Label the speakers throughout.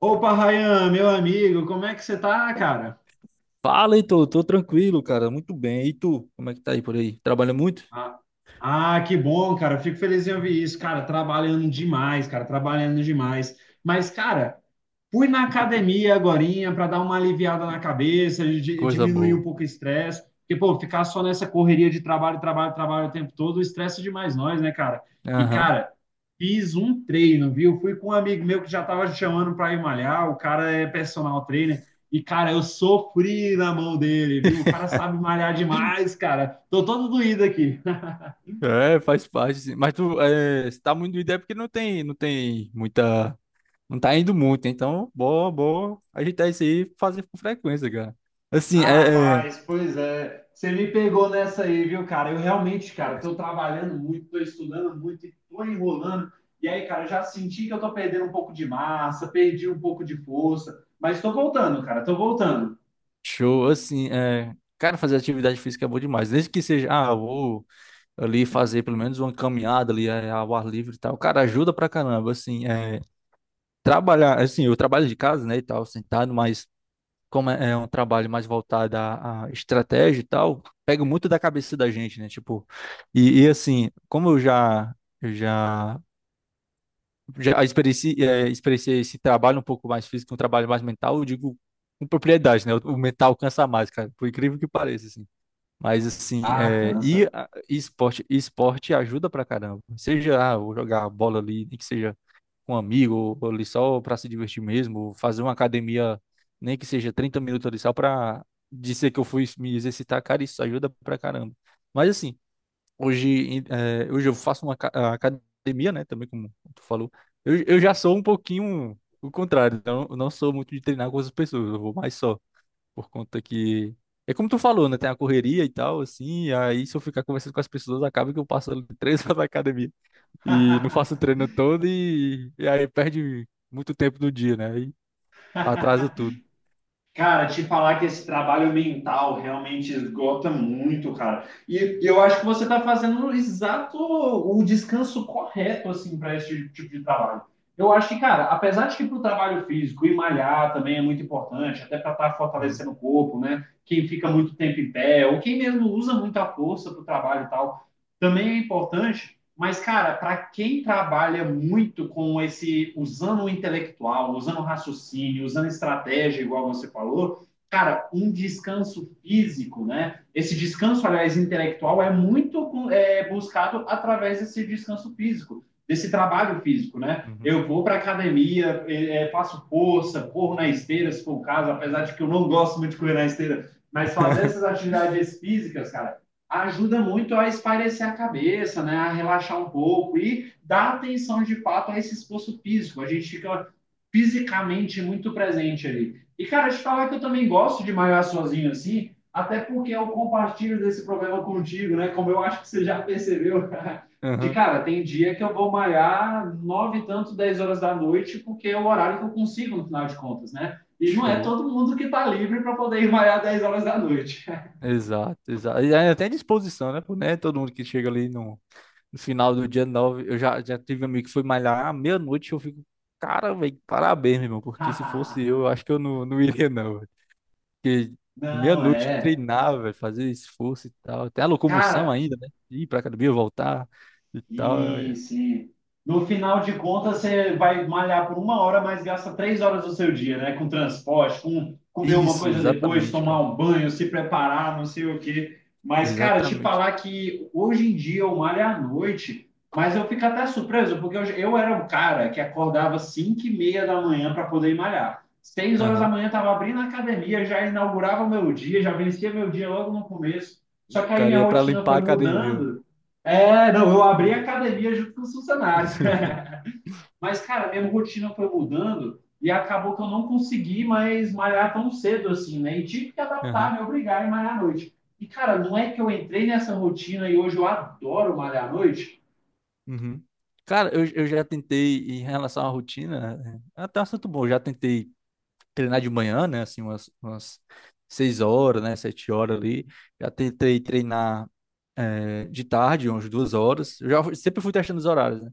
Speaker 1: Opa, Rayan, meu amigo, como é que você tá, cara?
Speaker 2: Fala, Heitor, tô tranquilo, cara, muito bem. E tu, como é que tá aí por aí? Trabalha muito?
Speaker 1: Ah, que bom, cara. Eu fico feliz em ouvir isso, cara. Trabalhando demais, cara. Trabalhando demais. Mas, cara, fui na academia agorinha para dar uma aliviada na cabeça,
Speaker 2: Coisa
Speaker 1: diminuir um
Speaker 2: boa.
Speaker 1: pouco o estresse. Porque, pô, ficar só nessa correria de trabalho, trabalho, trabalho o tempo todo, estressa demais nós, né, cara? E,
Speaker 2: Aham.
Speaker 1: cara, fiz um treino, viu? Fui com um amigo meu que já tava chamando para ir malhar. O cara é personal trainer. E, cara, eu sofri na mão dele, viu? O cara sabe malhar demais, cara. Tô todo doído aqui.
Speaker 2: É, faz parte, sim. Mas tu é, se tá muito ideia porque não tem muita, não tá indo muito, então, boa, boa, ajeitar isso aí, e fazer com frequência, cara. Assim,
Speaker 1: Ah, Rapaz, pois é. Você me pegou nessa aí, viu, cara? Eu realmente, cara, tô trabalhando muito, tô estudando muito e tô enrolando. E aí, cara, eu já senti que eu tô perdendo um pouco de massa, perdi um pouco de força, mas tô voltando, cara, tô voltando.
Speaker 2: show, assim, é, cara, fazer atividade física é bom demais, desde que seja, ah, eu vou ali fazer pelo menos uma caminhada ali ao ar livre e tal, cara, ajuda pra caramba, assim, é, trabalhar, assim, eu trabalho de casa, né, e tal, sentado, mas como é um trabalho mais voltado à, à estratégia e tal, pega muito da cabeça da gente, né? Tipo, e assim, como eu já experienciei esse trabalho um pouco mais físico, um trabalho mais mental, eu digo com propriedade, né? O mental cansa mais, cara, por incrível que pareça, assim. Mas assim,
Speaker 1: Ah,
Speaker 2: é, e,
Speaker 1: cansa.
Speaker 2: e esporte ajuda pra caramba. Seja ah, eu vou jogar bola ali, nem que seja com um amigo, ou ali só para se divertir mesmo, ou fazer uma academia, nem que seja 30 minutos ali só para dizer que eu fui me exercitar, cara, isso ajuda pra caramba. Mas assim, hoje, hoje eu faço uma a academia, né, também como tu falou, eu já sou um pouquinho o contrário, então eu não sou muito de treinar com as pessoas, eu vou mais só, por conta que... É como tu falou, né? Tem a correria e tal, assim, aí se eu ficar conversando com as pessoas, acaba que eu passo ali 3 horas na academia e não faço treino todo e aí perde muito tempo do dia, né? E atrasa tudo.
Speaker 1: Cara, te falar que esse trabalho mental realmente esgota muito, cara. E eu acho que você está fazendo o exato o descanso correto assim para esse tipo de trabalho. Eu acho que, cara, apesar de que para o trabalho físico e malhar também é muito importante, até para estar
Speaker 2: Uhum,
Speaker 1: fortalecendo o corpo, né? Quem fica muito tempo em pé, ou quem mesmo usa muita força para o trabalho e tal, também é importante. Mas, cara, para quem trabalha muito com esse, usando o intelectual, usando o raciocínio, usando estratégia, igual você falou, cara, um descanso físico, né? Esse descanso, aliás, intelectual é muito buscado através desse descanso físico, desse trabalho físico, né?
Speaker 2: uhum.
Speaker 1: Eu vou para academia, faço força, corro na esteira, se for o caso, apesar de que eu não gosto muito de correr na esteira, mas fazer essas atividades físicas, cara, ajuda muito a espairecer a cabeça, né? A relaxar um pouco e dar atenção de fato a esse esforço físico. A gente fica fisicamente muito presente ali. E, cara, te falar que eu também gosto de malhar sozinho assim, até porque eu compartilho desse problema contigo, né? Como eu acho que você já percebeu. De
Speaker 2: Aham.
Speaker 1: cara, tem dia que eu vou malhar nove e tanto, 10 horas da noite, porque é o horário que eu consigo, no final de contas, né? E não é
Speaker 2: Show.
Speaker 1: todo mundo que tá livre para poder ir malhar 10 horas da noite.
Speaker 2: Exato, exato. E aí até disposição, né? Pô, né? Todo mundo que chega ali no, no final do dia 9 eu já tive um amigo que foi malhar à meia-noite, eu fico, cara, velho, parabéns, meu irmão, porque se fosse eu acho que eu não, não iria, não, velho. Porque
Speaker 1: Não,
Speaker 2: meia-noite
Speaker 1: é.
Speaker 2: treinar, velho, fazer esforço e tal. Tem a locomoção
Speaker 1: Cara,
Speaker 2: ainda, né? Ir pra academia, voltar e tal. É.
Speaker 1: isso. E no final de contas, você vai malhar por uma hora, mas gasta 3 horas do seu dia, né? Com transporte, com comer uma
Speaker 2: Isso,
Speaker 1: coisa depois,
Speaker 2: exatamente,
Speaker 1: tomar
Speaker 2: cara.
Speaker 1: um banho, se preparar, não sei o quê. Mas, cara, te
Speaker 2: Exatamente.
Speaker 1: falar que hoje em dia eu malho à noite, mas eu fico até surpreso, porque eu era um cara que acordava 5:30 da manhã para poder ir malhar. Seis horas da
Speaker 2: Aham.
Speaker 1: manhã estava abrindo a academia, já inaugurava o meu dia, já vencia meu dia logo no começo.
Speaker 2: O
Speaker 1: Só que aí
Speaker 2: cara
Speaker 1: minha
Speaker 2: ia pra
Speaker 1: rotina
Speaker 2: limpar a
Speaker 1: foi
Speaker 2: academia, velho.
Speaker 1: mudando. É, não, eu abri a academia junto com os funcionários. Mas, cara, minha rotina foi mudando e acabou que eu não consegui mais malhar tão cedo assim, né? E tive que
Speaker 2: Aham,
Speaker 1: adaptar, me obrigar a malhar à noite. E, cara, não é que eu entrei nessa rotina e hoje eu adoro malhar à noite?
Speaker 2: uhum. Cara, eu já tentei, em relação à rotina, é até um assunto bom, eu já tentei treinar de manhã, né, assim, umas 6 horas, né, 7 horas ali, já tentei treinar de tarde, umas 2 horas, eu já sempre fui testando os horários, né,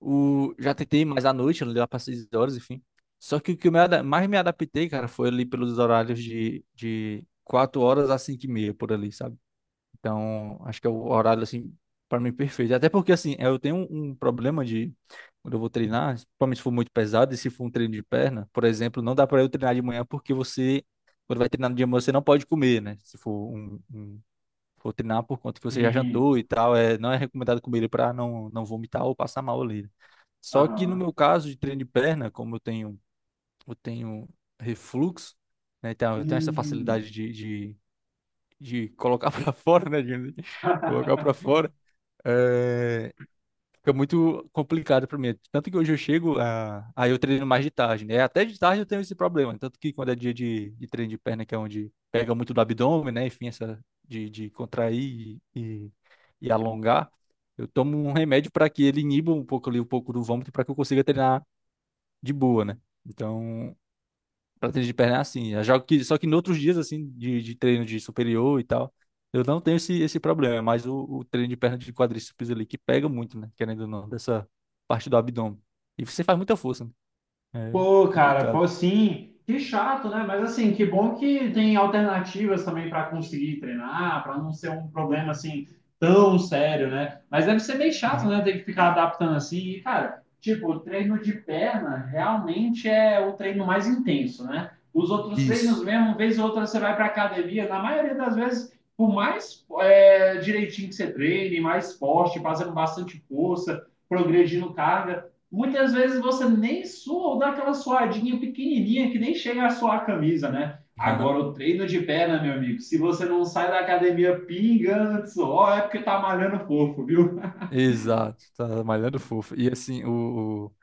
Speaker 2: já tentei mais à noite, lá para 6 horas, enfim, só que o que mais me adaptei, cara, foi ali pelos horários de 4 horas a cinco e meia, por ali, sabe? Então, acho que é o horário, assim, para mim perfeito. Até porque, assim, eu tenho um problema de. Quando eu vou treinar, principalmente se for muito pesado e se for um treino de perna, por exemplo, não dá para eu treinar de manhã porque você, quando vai treinar no dia, de manhã, você não pode comer, né? Se for for treinar por conta que você já
Speaker 1: E...
Speaker 2: jantou e tal, é, não é recomendado comer ele para não, não vomitar ou passar mal ali. Só que no
Speaker 1: Aham.
Speaker 2: meu caso de treino de perna, eu tenho refluxo, né? Então, eu tenho essa
Speaker 1: Hum.
Speaker 2: facilidade de, de colocar para fora, né? Digamos assim, colocar para fora, é, fica muito complicado para mim. Tanto que hoje eu chego, aí eu treino mais de tarde, né? Até de tarde eu tenho esse problema. Tanto que quando é dia de treino de perna, que é onde pega muito do abdômen, né? Enfim, essa de contrair e alongar, eu tomo um remédio para que ele iniba um pouco ali, um pouco do vômito, para que eu consiga treinar de boa, né? Então, pra treino de perna é assim. Eu jogo que, só que em outros dias, assim, de treino de superior e tal, eu não tenho esse problema. Mas o treino de perna de quadríceps ali, que pega muito, né? Querendo ou não, dessa parte do abdômen. E você faz muita força, né? É
Speaker 1: Pô, cara,
Speaker 2: complicado.
Speaker 1: pô, sim, que chato, né? Mas assim, que bom que tem alternativas também para conseguir treinar, para não ser um problema assim tão sério, né? Mas deve ser bem chato,
Speaker 2: Uhum.
Speaker 1: né? Ter que ficar adaptando assim. E, cara, tipo, o treino de perna realmente é o treino mais intenso, né? Os outros treinos
Speaker 2: Isso.
Speaker 1: mesmo, uma vez ou outra você vai para academia, na maioria das vezes, por mais direitinho que você treine, mais forte, fazendo bastante força, progredindo carga. Muitas vezes você nem sua ou dá aquela suadinha pequenininha que nem chega a suar a camisa, né?
Speaker 2: Aham.
Speaker 1: Agora, o treino de perna, meu amigo, se você não sai da academia pingando de suor, é porque tá malhando fofo, viu?
Speaker 2: Exato. Tá malhando fofo. E assim, o-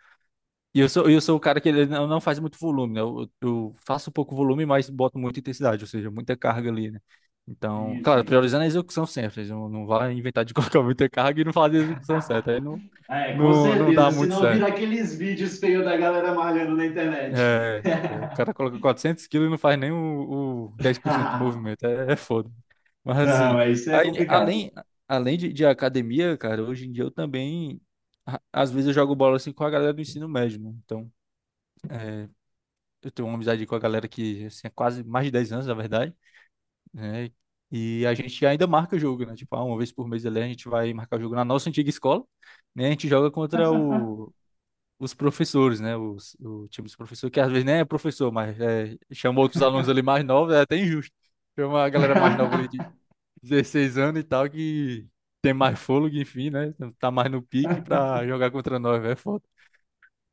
Speaker 2: E eu sou o cara que ele não faz muito volume, né? Eu faço pouco volume, mas boto muita intensidade, ou seja, muita carga ali, né? Então,
Speaker 1: Sim,
Speaker 2: claro,
Speaker 1: sim.
Speaker 2: priorizando a execução sempre, não, não vai inventar de colocar muita carga e não fazer a execução certa, aí não,
Speaker 1: É, com
Speaker 2: não, não dá
Speaker 1: certeza, se
Speaker 2: muito
Speaker 1: não
Speaker 2: certo.
Speaker 1: vira aqueles vídeos feios da galera malhando na internet.
Speaker 2: O cara coloca 400 quilos e não faz nem o 10% do movimento, é foda. Mas
Speaker 1: Não,
Speaker 2: assim,
Speaker 1: é isso é
Speaker 2: aí,
Speaker 1: complicado.
Speaker 2: além de academia, cara, hoje em dia eu também, às vezes eu jogo bola assim com a galera do ensino médio, né? Então, eu tenho uma amizade com a galera que assim, é quase mais de 10 anos, na verdade, né? E a gente ainda marca jogo, né? Tipo, ah, uma vez por mês ali a gente vai marcar jogo na nossa antiga escola, né? A gente joga contra os professores, né? Os, o time dos professores, que às vezes nem é professor, mas é, chama outros alunos ali mais novos, é até injusto. Tem uma galera mais nova ali de 16 anos e tal que tem mais fôlego, enfim, né? Tá mais no pique pra jogar contra nós, velho, é foda.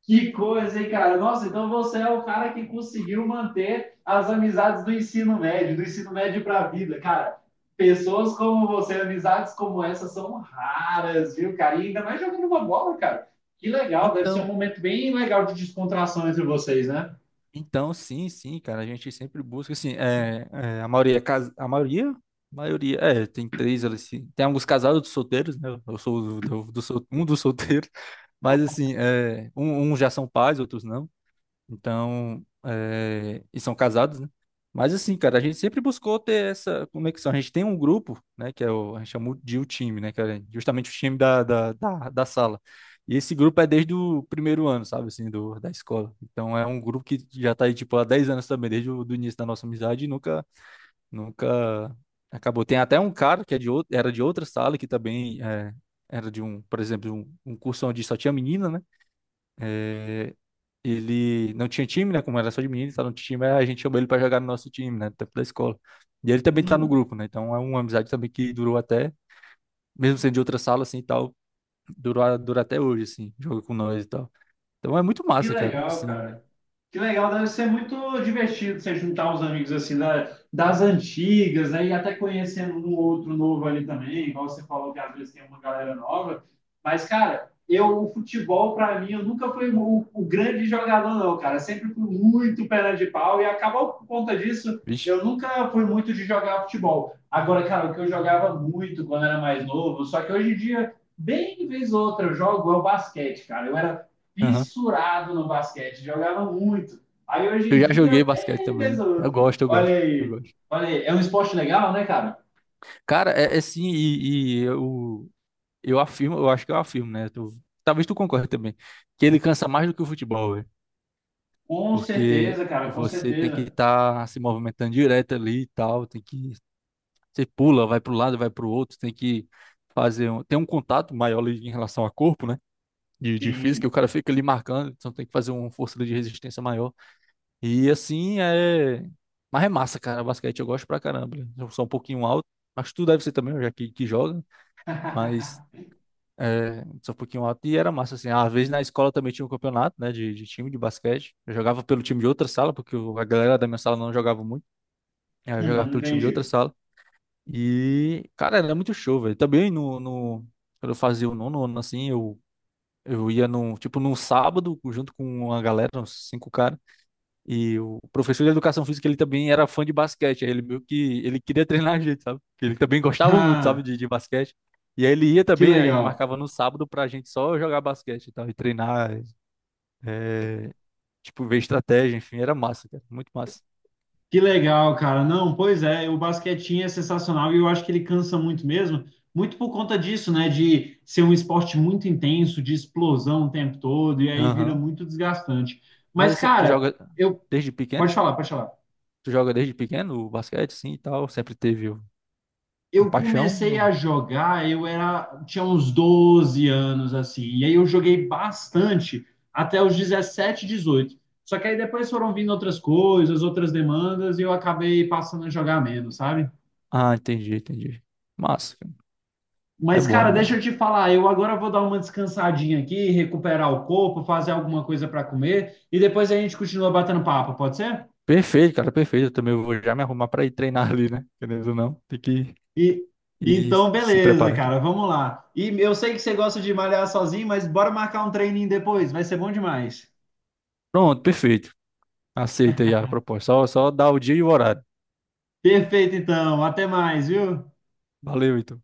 Speaker 1: Que coisa, hein, cara? Nossa, então você é o cara que conseguiu manter as amizades do ensino médio para a vida, cara. Pessoas como você, amizades como essa são raras, viu, cara? E ainda mais jogando uma bola, cara. Que legal, deve ser um
Speaker 2: Então,
Speaker 1: momento bem legal de descontração entre vocês, né?
Speaker 2: então, sim, sim, cara, a gente sempre busca, assim, a maioria, tem três, ali, assim, tem alguns casados dos solteiros, né, eu sou um dos solteiros, mas, assim, é, uns já são pais, outros não, então, e são casados, né? Mas assim, cara, a gente sempre buscou ter essa conexão. A gente tem um grupo, né, que é a gente chama de o time, né, que é justamente o time da sala. E esse grupo é desde o primeiro ano, sabe, assim, do, da escola. Então é um grupo que já tá aí, tipo, há 10 anos também, desde o do início da nossa amizade e nunca, nunca acabou. Tem até um cara que é de outro, era de outra sala, que também é, era de um, por exemplo, um curso onde só tinha menina, né? Eh, ele não tinha time, né? Como era só de menino, tá no time, aí a gente chamou ele pra jogar no nosso time, né? No tempo da escola. E ele também tá no
Speaker 1: Hum,
Speaker 2: grupo, né? Então é uma amizade também que durou até, mesmo sendo de outra sala, assim, e tal, durou, dura até hoje, assim, joga com nós e tal. Então é muito
Speaker 1: que
Speaker 2: massa, cara,
Speaker 1: legal,
Speaker 2: assim,
Speaker 1: cara. Que legal, deve ser muito divertido você juntar uns amigos assim da, das antigas, né? E até conhecendo um outro novo ali também, igual você falou que às vezes tem uma galera nova. Mas, cara, eu, o futebol, para mim, eu nunca fui o grande jogador, não, cara. Sempre fui muito perna de pau e acabou por conta disso.
Speaker 2: vixe.
Speaker 1: Eu nunca fui muito de jogar futebol. Agora, cara, o que eu jogava muito quando era mais novo, só que hoje em dia, bem vez ou outra, eu jogo é o basquete, cara. Eu era
Speaker 2: Aham.
Speaker 1: fissurado no basquete, jogava muito. Aí hoje
Speaker 2: Eu
Speaker 1: em
Speaker 2: já
Speaker 1: dia,
Speaker 2: joguei basquete
Speaker 1: bem
Speaker 2: também. Eu
Speaker 1: desoto.
Speaker 2: gosto, eu gosto,
Speaker 1: Olha
Speaker 2: eu
Speaker 1: aí,
Speaker 2: gosto.
Speaker 1: olha aí, é um esporte legal, né, cara?
Speaker 2: Cara, é assim, eu acho que eu afirmo, né? Tu- talvez tu concorde também, que ele cansa mais do que o futebol,
Speaker 1: Com
Speaker 2: porque
Speaker 1: certeza, cara, com
Speaker 2: você tem que
Speaker 1: certeza.
Speaker 2: estar se movimentando direto ali e tal, tem que você pula, vai para um lado, vai para o outro, tem que fazer um, tem um contato maior ali em relação a corpo, né? De física, o
Speaker 1: Sim.
Speaker 2: cara fica ali marcando, então tem que fazer uma força ali de resistência maior. E assim é. Mas é massa, cara. Basquete eu gosto pra caramba, né? Eu sou um pouquinho alto, mas tu deve ser também, já que joga. Mas é, sou um pouquinho alto. E era massa, assim. Às vezes na escola também tinha um campeonato, né, de time de basquete. Eu jogava pelo time de outra sala, porque a galera da minha sala não jogava muito. Aí eu jogava
Speaker 1: Uhum,
Speaker 2: pelo time de outra
Speaker 1: entendi.
Speaker 2: sala. E, cara, era muito show, velho. Também no, no, quando eu fazia o nono ano, assim, eu ia num, tipo, num sábado, junto com uma galera, uns cinco caras. E o professor de educação física, ele também era fã de basquete. Aí ele meio que ele queria treinar a gente, sabe? Porque ele também gostava muito, sabe,
Speaker 1: Ah,
Speaker 2: de basquete. E aí ele ia
Speaker 1: que
Speaker 2: também, a gente
Speaker 1: legal.
Speaker 2: marcava no sábado pra gente só jogar basquete e tal, e treinar, é, tipo, ver estratégia, enfim, era massa, cara, muito massa.
Speaker 1: Que legal, cara. Não, pois é, o basquetinho é sensacional e eu acho que ele cansa muito mesmo, muito por conta disso, né? De ser um esporte muito intenso, de explosão o tempo todo, e aí vira
Speaker 2: Aham.
Speaker 1: muito desgastante.
Speaker 2: Mas
Speaker 1: Mas,
Speaker 2: assim, tu
Speaker 1: cara,
Speaker 2: joga
Speaker 1: eu.
Speaker 2: desde pequeno?
Speaker 1: Pode falar, pode falar.
Speaker 2: Tu joga desde pequeno o basquete, sim, e tal? Sempre teve a
Speaker 1: Eu
Speaker 2: paixão?
Speaker 1: comecei
Speaker 2: Ou-
Speaker 1: a jogar, eu era, tinha uns 12 anos assim, e aí eu joguei bastante até os 17, 18. Só que aí depois foram vindo outras coisas, outras demandas, e eu acabei passando a jogar menos, sabe?
Speaker 2: Ah, entendi, entendi. Massa, cara. É
Speaker 1: Mas,
Speaker 2: bom, é
Speaker 1: cara, deixa
Speaker 2: bom.
Speaker 1: eu te falar, eu agora vou dar uma descansadinha aqui, recuperar o corpo, fazer alguma coisa para comer, e depois a gente continua batendo papo, pode ser?
Speaker 2: Perfeito, cara, perfeito. Eu também vou já me arrumar para ir treinar ali, né? Querendo ou não, tem que
Speaker 1: E
Speaker 2: ir
Speaker 1: então,
Speaker 2: se
Speaker 1: beleza,
Speaker 2: preparar aqui.
Speaker 1: cara, vamos lá. E eu sei que você gosta de malhar sozinho, mas bora marcar um treininho depois, vai ser bom demais.
Speaker 2: Pronto, perfeito. Aceita aí a proposta. Só dá o dia e o horário.
Speaker 1: Perfeito, então. Até mais, viu?
Speaker 2: Valeu, Heitor.